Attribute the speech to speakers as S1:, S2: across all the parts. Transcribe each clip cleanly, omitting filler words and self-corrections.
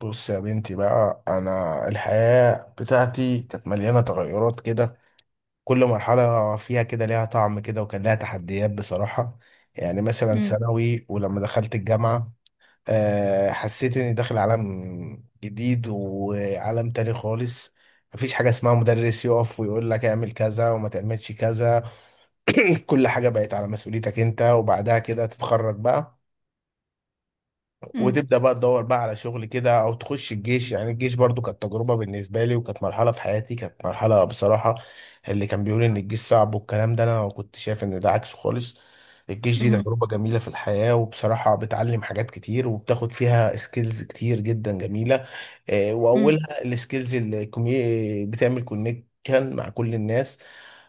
S1: بص يا بنتي بقى، انا الحياة بتاعتي كانت مليانة تغيرات كده. كل مرحلة فيها كده ليها طعم كده، وكان لها تحديات بصراحة. يعني مثلا
S2: مم.
S1: ثانوي ولما دخلت الجامعة، حسيت اني داخل عالم جديد وعالم تاني خالص. مفيش حاجة اسمها مدرس يقف ويقول لك اعمل كذا وما تعملش كذا. كل حاجة بقت على مسؤوليتك انت، وبعدها كده تتخرج بقى،
S2: مم.
S1: وتبدا بقى تدور بقى على شغل كده او تخش الجيش. يعني الجيش برضو كانت تجربه بالنسبه لي، وكانت مرحله في حياتي، كانت مرحله بصراحه. اللي كان بيقول ان الجيش صعب والكلام ده، انا كنت شايف ان ده عكسه خالص. الجيش دي
S2: مم.
S1: تجربه جميله في الحياه، وبصراحه بتعلم حاجات كتير وبتاخد فيها سكيلز كتير جدا جميله.
S2: مم.
S1: واولها السكيلز اللي بتعمل كونكشن مع كل الناس.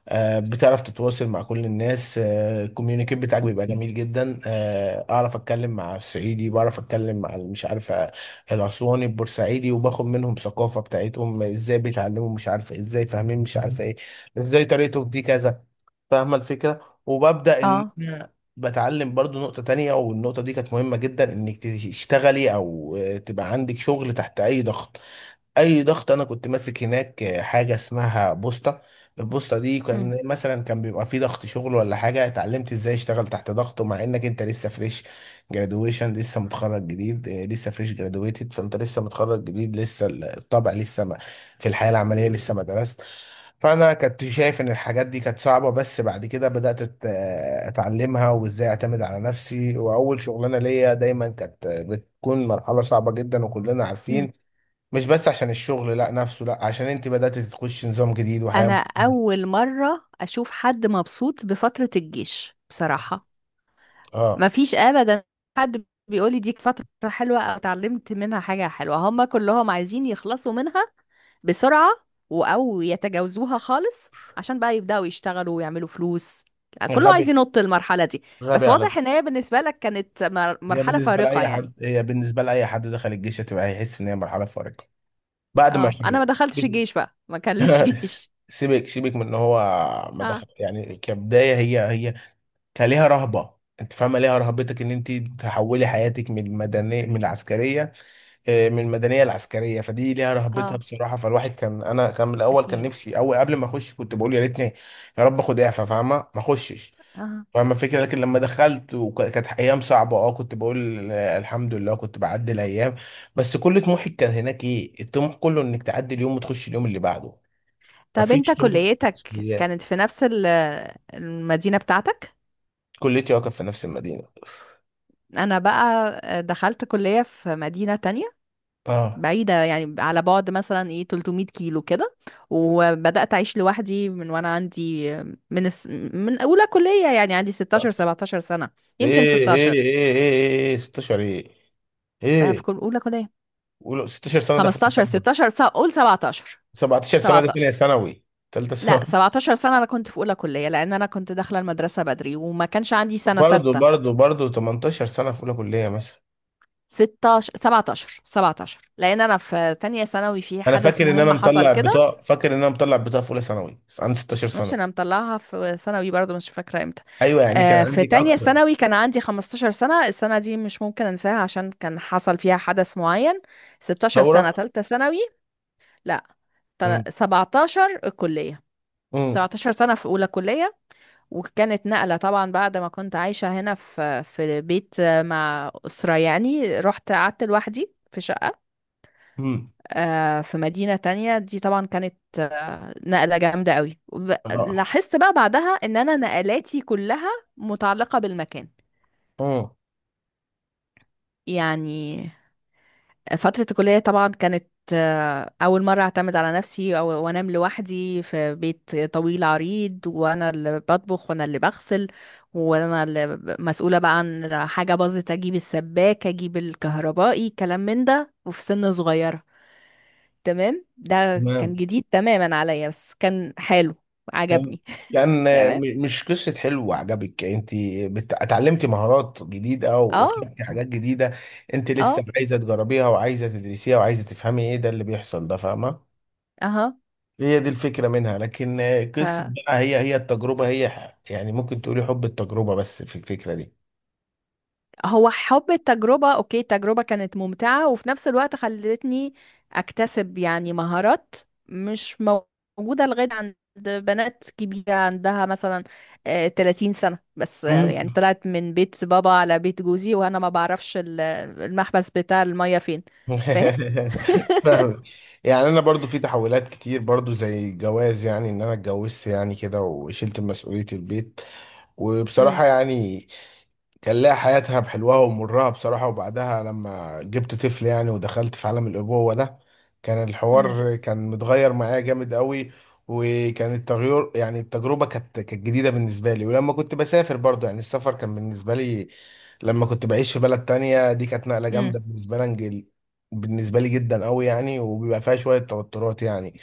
S1: بتعرف تتواصل مع كل الناس. الكوميونيكيت بتاعك بيبقى جميل جدا. اعرف اتكلم مع الصعيدي، بعرف اتكلم مع مش عارفه، الاسواني البورسعيدي، وباخد منهم ثقافه بتاعتهم ازاي بيتعلموا، مش عارفه ازاي فاهمين، مش عارفه ايه ازاي طريقته في دي كذا. فاهمه الفكره وببدا ان
S2: اه.
S1: بتعلم برضو نقطة تانية، والنقطة دي كانت مهمة جدا، انك تشتغلي او تبقى عندك شغل تحت اي ضغط. اي ضغط. انا كنت ماسك هناك حاجه اسمها بوسطه. البوسطه دي
S2: مم.
S1: كان مثلا كان بيبقى في ضغط شغل ولا حاجه، اتعلمت ازاي اشتغل تحت ضغط، ومع انك انت لسه فريش جرادويشن، لسه متخرج جديد، لسه فريش جرادويتد، فانت لسه متخرج جديد لسه الطبع لسه ما في الحياه العمليه لسه ما درست. فانا كنت شايف ان الحاجات دي كانت صعبه، بس بعد كده بدات اتعلمها وازاي اعتمد على نفسي. واول شغلانه ليا دايما كانت بتكون مرحله صعبه جدا، وكلنا
S2: مم.
S1: عارفين، مش بس عشان الشغل لا نفسه، لا، عشان انت بدأت تخش نظام جديد وحياة
S2: انا
S1: مختلفة.
S2: اول مره اشوف حد مبسوط بفتره الجيش بصراحه.
S1: اه.
S2: ما فيش ابدا حد بيقول لي دي فتره حلوه او اتعلمت منها حاجه حلوه، هم كلهم عايزين يخلصوا منها بسرعه او يتجاوزوها خالص عشان بقى يبداوا يشتغلوا ويعملوا فلوس. كله عايز
S1: غبي.
S2: ينط المرحله دي.
S1: غبي
S2: بس
S1: على
S2: واضح
S1: فكرة.
S2: ان هي بالنسبه لك كانت مر- مرحله فارقه يعني.
S1: هي بالنسبة لأي حد دخل الجيش هتبقى، هيحس إن هي مرحلة فارقة بعد ما
S2: اه، انا ما
S1: يخلص.
S2: دخلتش الجيش بقى، ما كان ليش جيش.
S1: سيبك من إن هو ما
S2: اه،
S1: دخل. يعني كبداية، هي كان ليها رهبة. أنت فاهمة ليها رهبتك، إن أنت تحولي حياتك من المدنية من العسكرية، من المدنيه العسكريه، فدي ليها رهبتها
S2: اه،
S1: بصراحه. فالواحد كان، انا كان من الاول، كان
S2: أكيد.
S1: نفسي، اول قبل ما اخش كنت بقول يا ريتني، يا رب اخد اعفاء، فاهمه، ما اخشش.
S2: اه.
S1: فاهمه الفكره. لكن لما دخلت وكانت ايام صعبه، كنت بقول الحمد لله كنت بعدي الايام. بس كل طموحي كان هناك، ايه الطموح؟ كله انك تعدي اليوم وتخش اليوم اللي بعده.
S2: طب
S1: مفيش
S2: أنت
S1: طموح،
S2: كليتك
S1: مسؤوليات.
S2: كانت في نفس المدينة بتاعتك؟
S1: كليتي واقف في نفس المدينه.
S2: أنا بقى دخلت كلية في مدينة تانية
S1: اه،
S2: بعيدة، يعني على بعد مثلا إيه 300 كيلو كده. وبدأت أعيش لوحدي من وأنا عندي، من الس... من أولى كلية، يعني عندي 16
S1: 19.
S2: 17 سنة. يمكن
S1: ايه. ايه
S2: 16.
S1: ايه ايه. ايه 16 ايه.
S2: في
S1: ايه،
S2: كل أولى كلية.
S1: قولوا 16 سنه ده في
S2: 15
S1: الكلام.
S2: 16 سنة، قول 17.
S1: 17 سنة دي ثانية
S2: 17.
S1: ثانوي، تالتة
S2: لا
S1: ثانوي.
S2: 17 سنة، أنا كنت في أولى كلية لأن أنا كنت داخلة المدرسة بدري وما كانش عندي سنة
S1: برضه
S2: ستة.
S1: برضه برضه، 18 سنة في أولى كلية مثلا.
S2: 16 17 17، لان انا في تانية ثانوي في
S1: أنا
S2: حدث
S1: فاكر إن أنا
S2: مهم حصل
S1: مطلع
S2: كده.
S1: بطاقة، في أولى ثانوي، بس عندي 16
S2: مش
S1: سنة.
S2: انا مطلعها في ثانوي برضو، مش فاكره امتى.
S1: أيوه، يعني كان
S2: آه في
S1: عندك
S2: تانية
S1: أكتر.
S2: ثانوي كان عندي 15 سنه، السنه دي مش ممكن انساها عشان كان حصل فيها حدث معين. 16 سنه
S1: ثورة؟
S2: تالتة ثانوي. لا،
S1: امم،
S2: 17 الكليه.
S1: امم،
S2: 17 سنه في اولى كليه. وكانت نقله طبعا بعد ما كنت عايشه هنا في بيت مع اسره يعني. رحت قعدت لوحدي في شقه
S1: امم،
S2: في مدينة تانية. دي طبعا كانت نقلة جامدة قوي،
S1: اه،
S2: لاحظت بقى بعدها ان انا نقلاتي كلها متعلقة بالمكان
S1: امم.
S2: يعني. فترة الكلية طبعا كانت أول مرة أعتمد على نفسي أو وأنام لوحدي في بيت طويل عريض، وأنا اللي بطبخ وأنا اللي بغسل وأنا اللي مسؤولة بقى عن حاجة باظت، أجيب السباكة أجيب الكهربائي كلام من ده، وفي سن صغيرة. تمام. ده كان
S1: تمام.
S2: جديد تماما عليا، بس كان حلو،
S1: كان
S2: عجبني.
S1: كان آه،
S2: تمام.
S1: م- مش قصة حلو عجبك أنت، اتعلمتي مهارات جديدة
S2: اه،
S1: وخدتي حاجات جديدة. أنت لسه
S2: اه،
S1: عايزة تجربيها وعايزة تدرسيها وعايزة تفهمي إيه ده اللي بيحصل ده، فاهمة؟
S2: اها.
S1: هي دي الفكرة منها. لكن
S2: ف
S1: قصة بقى، هي التجربة، هي يعني ممكن تقولي حب التجربة، بس في الفكرة
S2: هو حب التجربة. اوكي التجربة كانت ممتعة، وفي نفس الوقت خلتني اكتسب يعني مهارات مش موجودة لغاية عند بنات كبيرة عندها مثلا 30 سنة. بس يعني
S1: دي.
S2: طلعت من بيت بابا على بيت جوزي وانا ما بعرفش المحبس بتاع المية فين. فاهم؟
S1: فاهم. يعني انا برضو في تحولات كتير، برضو زي الجواز. يعني ان انا اتجوزت يعني كده وشلت مسؤولية البيت، وبصراحة يعني كان لها حياتها بحلوها ومرها بصراحة. وبعدها لما جبت طفل، يعني، ودخلت في عالم الأبوة ده، كان
S2: امم.
S1: الحوار كان متغير معايا جامد قوي. وكان التغير، يعني التجربة كانت جديدة بالنسبة لي. ولما كنت بسافر، برضو يعني السفر كان بالنسبة لي، لما كنت بعيش في بلد تانية، دي كانت نقلة جامدة بالنسبة لي، بالنسبه لي جدا قوي يعني، وبيبقى فيها شويه توترات يعني،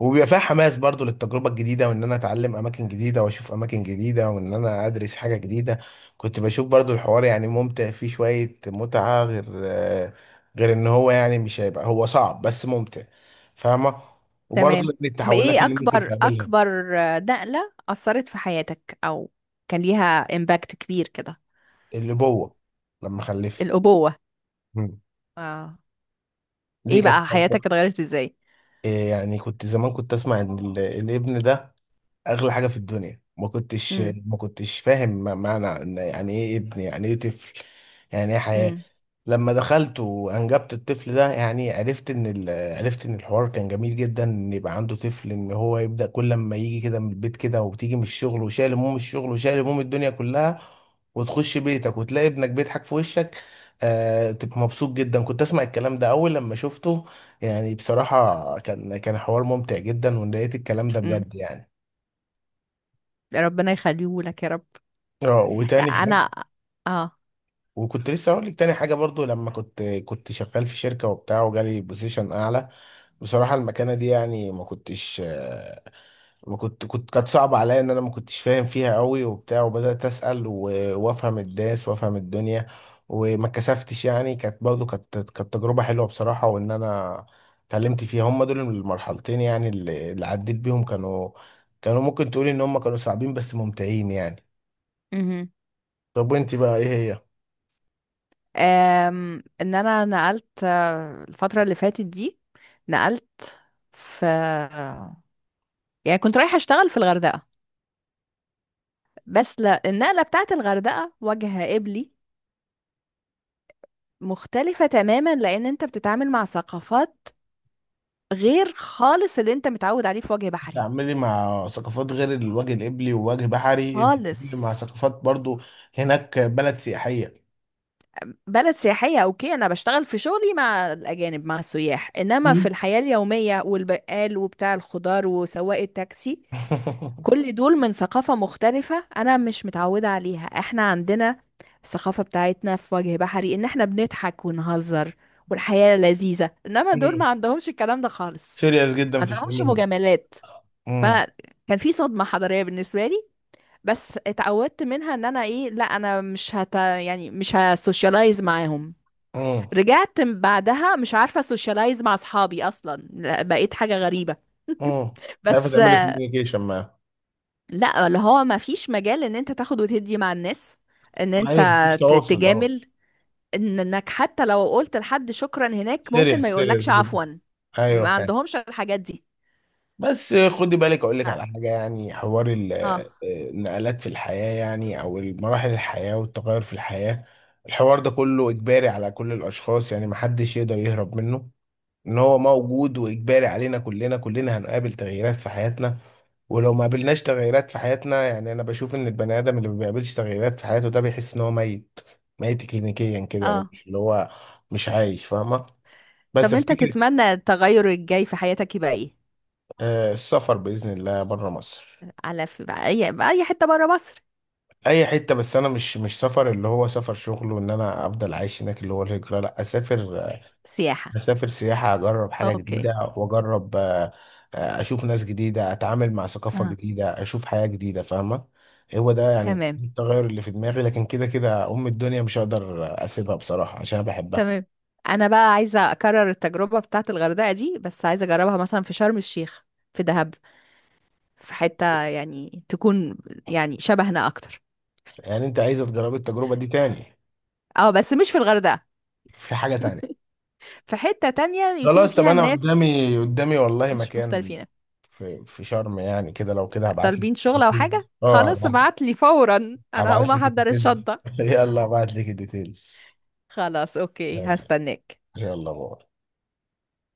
S1: وبيبقى فيها حماس برضو للتجربه الجديده، وان انا اتعلم اماكن جديده واشوف اماكن جديده وان انا ادرس حاجه جديده. كنت بشوف برضو الحوار يعني ممتع، فيه شويه متعه، غير ان هو يعني مش هيبقى، هو صعب بس ممتع، فاهمه. وبرضو
S2: تمام.
S1: من
S2: طب
S1: التحولات
S2: ايه
S1: اللي ممكن
S2: اكبر
S1: تقابلها.
S2: اكبر نقلة اثرت في حياتك او كان ليها امباكت كبير كده؟
S1: الابوه، لما خلفت.
S2: الابوة.
S1: مم.
S2: اه.
S1: دي
S2: ايه
S1: كانت
S2: بقى
S1: تجربة.
S2: حياتك اتغيرت ازاي؟
S1: إيه يعني كنت زمان كنت اسمع ان الابن ده اغلى حاجه في الدنيا. ما كنتش
S2: امم.
S1: ما كنتش فاهم معنى، إن يعني ايه ابن، يعني ايه طفل، يعني ايه حياه.
S2: امم.
S1: لما دخلت وانجبت الطفل ده، يعني عرفت ان الحوار كان جميل جدا، ان يبقى عنده طفل، ان هو يبدا كل لما يجي كده من البيت كده، وبتيجي من الشغل وشايل هموم الشغل وشايل هموم الدنيا كلها، وتخش بيتك وتلاقي ابنك بيضحك في وشك، تبقى مبسوط جدا. كنت اسمع الكلام ده اول، لما شفته يعني بصراحه كان حوار ممتع جدا، ولقيت الكلام ده
S2: امم.
S1: بجد يعني.
S2: ربنا يخليه لك يا رب.
S1: اه،
S2: لا،
S1: وتاني حاجه.
S2: انا. اه.
S1: وكنت لسه هقول لك تاني حاجه. برضو لما كنت شغال في شركه وبتاع، وجالي بوزيشن اعلى، بصراحه المكانه دي يعني ما كنتش ما كنت كنت كانت صعبه عليا، ان انا ما كنتش فاهم فيها قوي وبتاع، وبدات اسال وافهم الناس وافهم الدنيا، وما اتكسفتش يعني. كانت برضو كانت تجربه حلوه بصراحه، وان انا اتعلمت فيها. هم دول المرحلتين يعني، اللي عديت بيهم كانوا، كانوا ممكن تقولي ان هم كانوا صعبين بس ممتعين يعني.
S2: امم.
S1: طب وانت بقى ايه؟ هي
S2: ان انا نقلت الفترة اللي فاتت دي. نقلت في، يعني كنت رايحة اشتغل في الغردقة. بس لا، النقلة بتاعت الغردقة وجه قبلي، مختلفة تماما لأن أنت بتتعامل مع ثقافات غير خالص اللي أنت متعود عليه في وجه بحري.
S1: تعملي مع ثقافات غير الوجه القبلي ووجه بحري، انت
S2: خالص.
S1: بتتعاملي مع ثقافات برضو. هناك بلد سياحية.
S2: بلد سياحية. أوكي أنا بشتغل في شغلي مع الأجانب مع السياح، إنما في
S1: مم.
S2: الحياة اليومية والبقال وبتاع الخضار وسواق التاكسي، كل دول من ثقافة مختلفة أنا مش متعودة عليها. إحنا عندنا الثقافة بتاعتنا في وجه بحري، إن إحنا بنضحك ونهزر والحياة لذيذة، إنما دول ما عندهمش الكلام ده خالص،
S1: سيريس
S2: ما
S1: جدا في
S2: عندهمش
S1: شغلهم.
S2: مجاملات.
S1: امم،
S2: فكان في صدمة حضارية بالنسبة لي. بس اتعودت منها ان انا ايه، لا انا مش يعني مش هسوشيالايز معاهم.
S1: امم،
S2: رجعت بعدها مش عارفة سوشيالايز مع اصحابي اصلا، لا، بقيت حاجة غريبة.
S1: امم، مش عارفة
S2: بس.
S1: تعملي كوميونيكيشن معاهم.
S2: لا، اللي هو ما فيش مجال ان انت تاخد وتدي مع الناس، ان انت
S1: ايوه، مفيش تواصل، اه.
S2: تجامل، انك حتى لو قلت لحد شكرا هناك ممكن ما
S1: سيريس
S2: يقولكش
S1: سيريس جدا.
S2: عفوا.
S1: ايوه
S2: ما
S1: فاهم.
S2: عندهمش الحاجات دي.
S1: بس خدي بالك اقول لك على حاجه، يعني حوار
S2: اه.
S1: النقلات في الحياه، يعني او مراحل الحياه والتغير في الحياه، الحوار ده كله اجباري على كل الاشخاص، يعني محدش يقدر يهرب منه، ان هو موجود واجباري علينا كلنا. كلنا هنقابل تغييرات في حياتنا، ولو ما قابلناش تغييرات في حياتنا، يعني انا بشوف ان البني ادم اللي ما بيقابلش تغييرات في حياته، ده بيحس ان هو ميت. ميت كلينيكيا كده يعني،
S2: اه.
S1: مش اللي هو مش عايش، فاهمه؟ بس
S2: طب
S1: في
S2: انت
S1: فكره.
S2: تتمنى التغير الجاي في حياتك يبقى ايه؟
S1: السفر باذن الله بره مصر.
S2: على في بقى اي بقى اي حته بره مصر.
S1: اي حته، بس انا مش سفر اللي هو سفر شغل وان انا افضل عايش هناك اللي هو الهجره، لا، اسافر،
S2: سياحه.
S1: اسافر سياحه، اجرب حاجه
S2: اوكي.
S1: جديده، واجرب اشوف ناس جديده، اتعامل مع ثقافه
S2: اه.
S1: جديده، اشوف حياه جديده، فاهمه. هو ده يعني
S2: تمام.
S1: التغير اللي في دماغي. لكن كده كده ام الدنيا مش هقدر اسيبها بصراحه عشان أنا بحبها.
S2: تمام. انا بقى عايزه اكرر التجربه بتاعه الغردقه دي، بس عايزه اجربها مثلا في شرم الشيخ، في دهب، في حته يعني تكون يعني شبهنا اكتر.
S1: يعني انت عايزه تجربي التجربه دي تاني؟
S2: اه بس مش في الغردقه،
S1: في حاجه تانية.
S2: في حته تانية يكون
S1: خلاص، طب
S2: فيها
S1: انا
S2: الناس
S1: قدامي والله
S2: مش
S1: مكان
S2: مختلفين.
S1: في شرم يعني كده، لو كده هبعت لك
S2: طالبين شغل او
S1: ديتيلز.
S2: حاجه؟
S1: اه،
S2: خلاص
S1: هبعت،
S2: ابعت لي فورا، انا هقوم
S1: هبعت لك
S2: احضر
S1: الديتيلز.
S2: الشنطه.
S1: يلا هبعت لك الديتيلز.
S2: خلاص اوكي هستناك.
S1: يلا باي.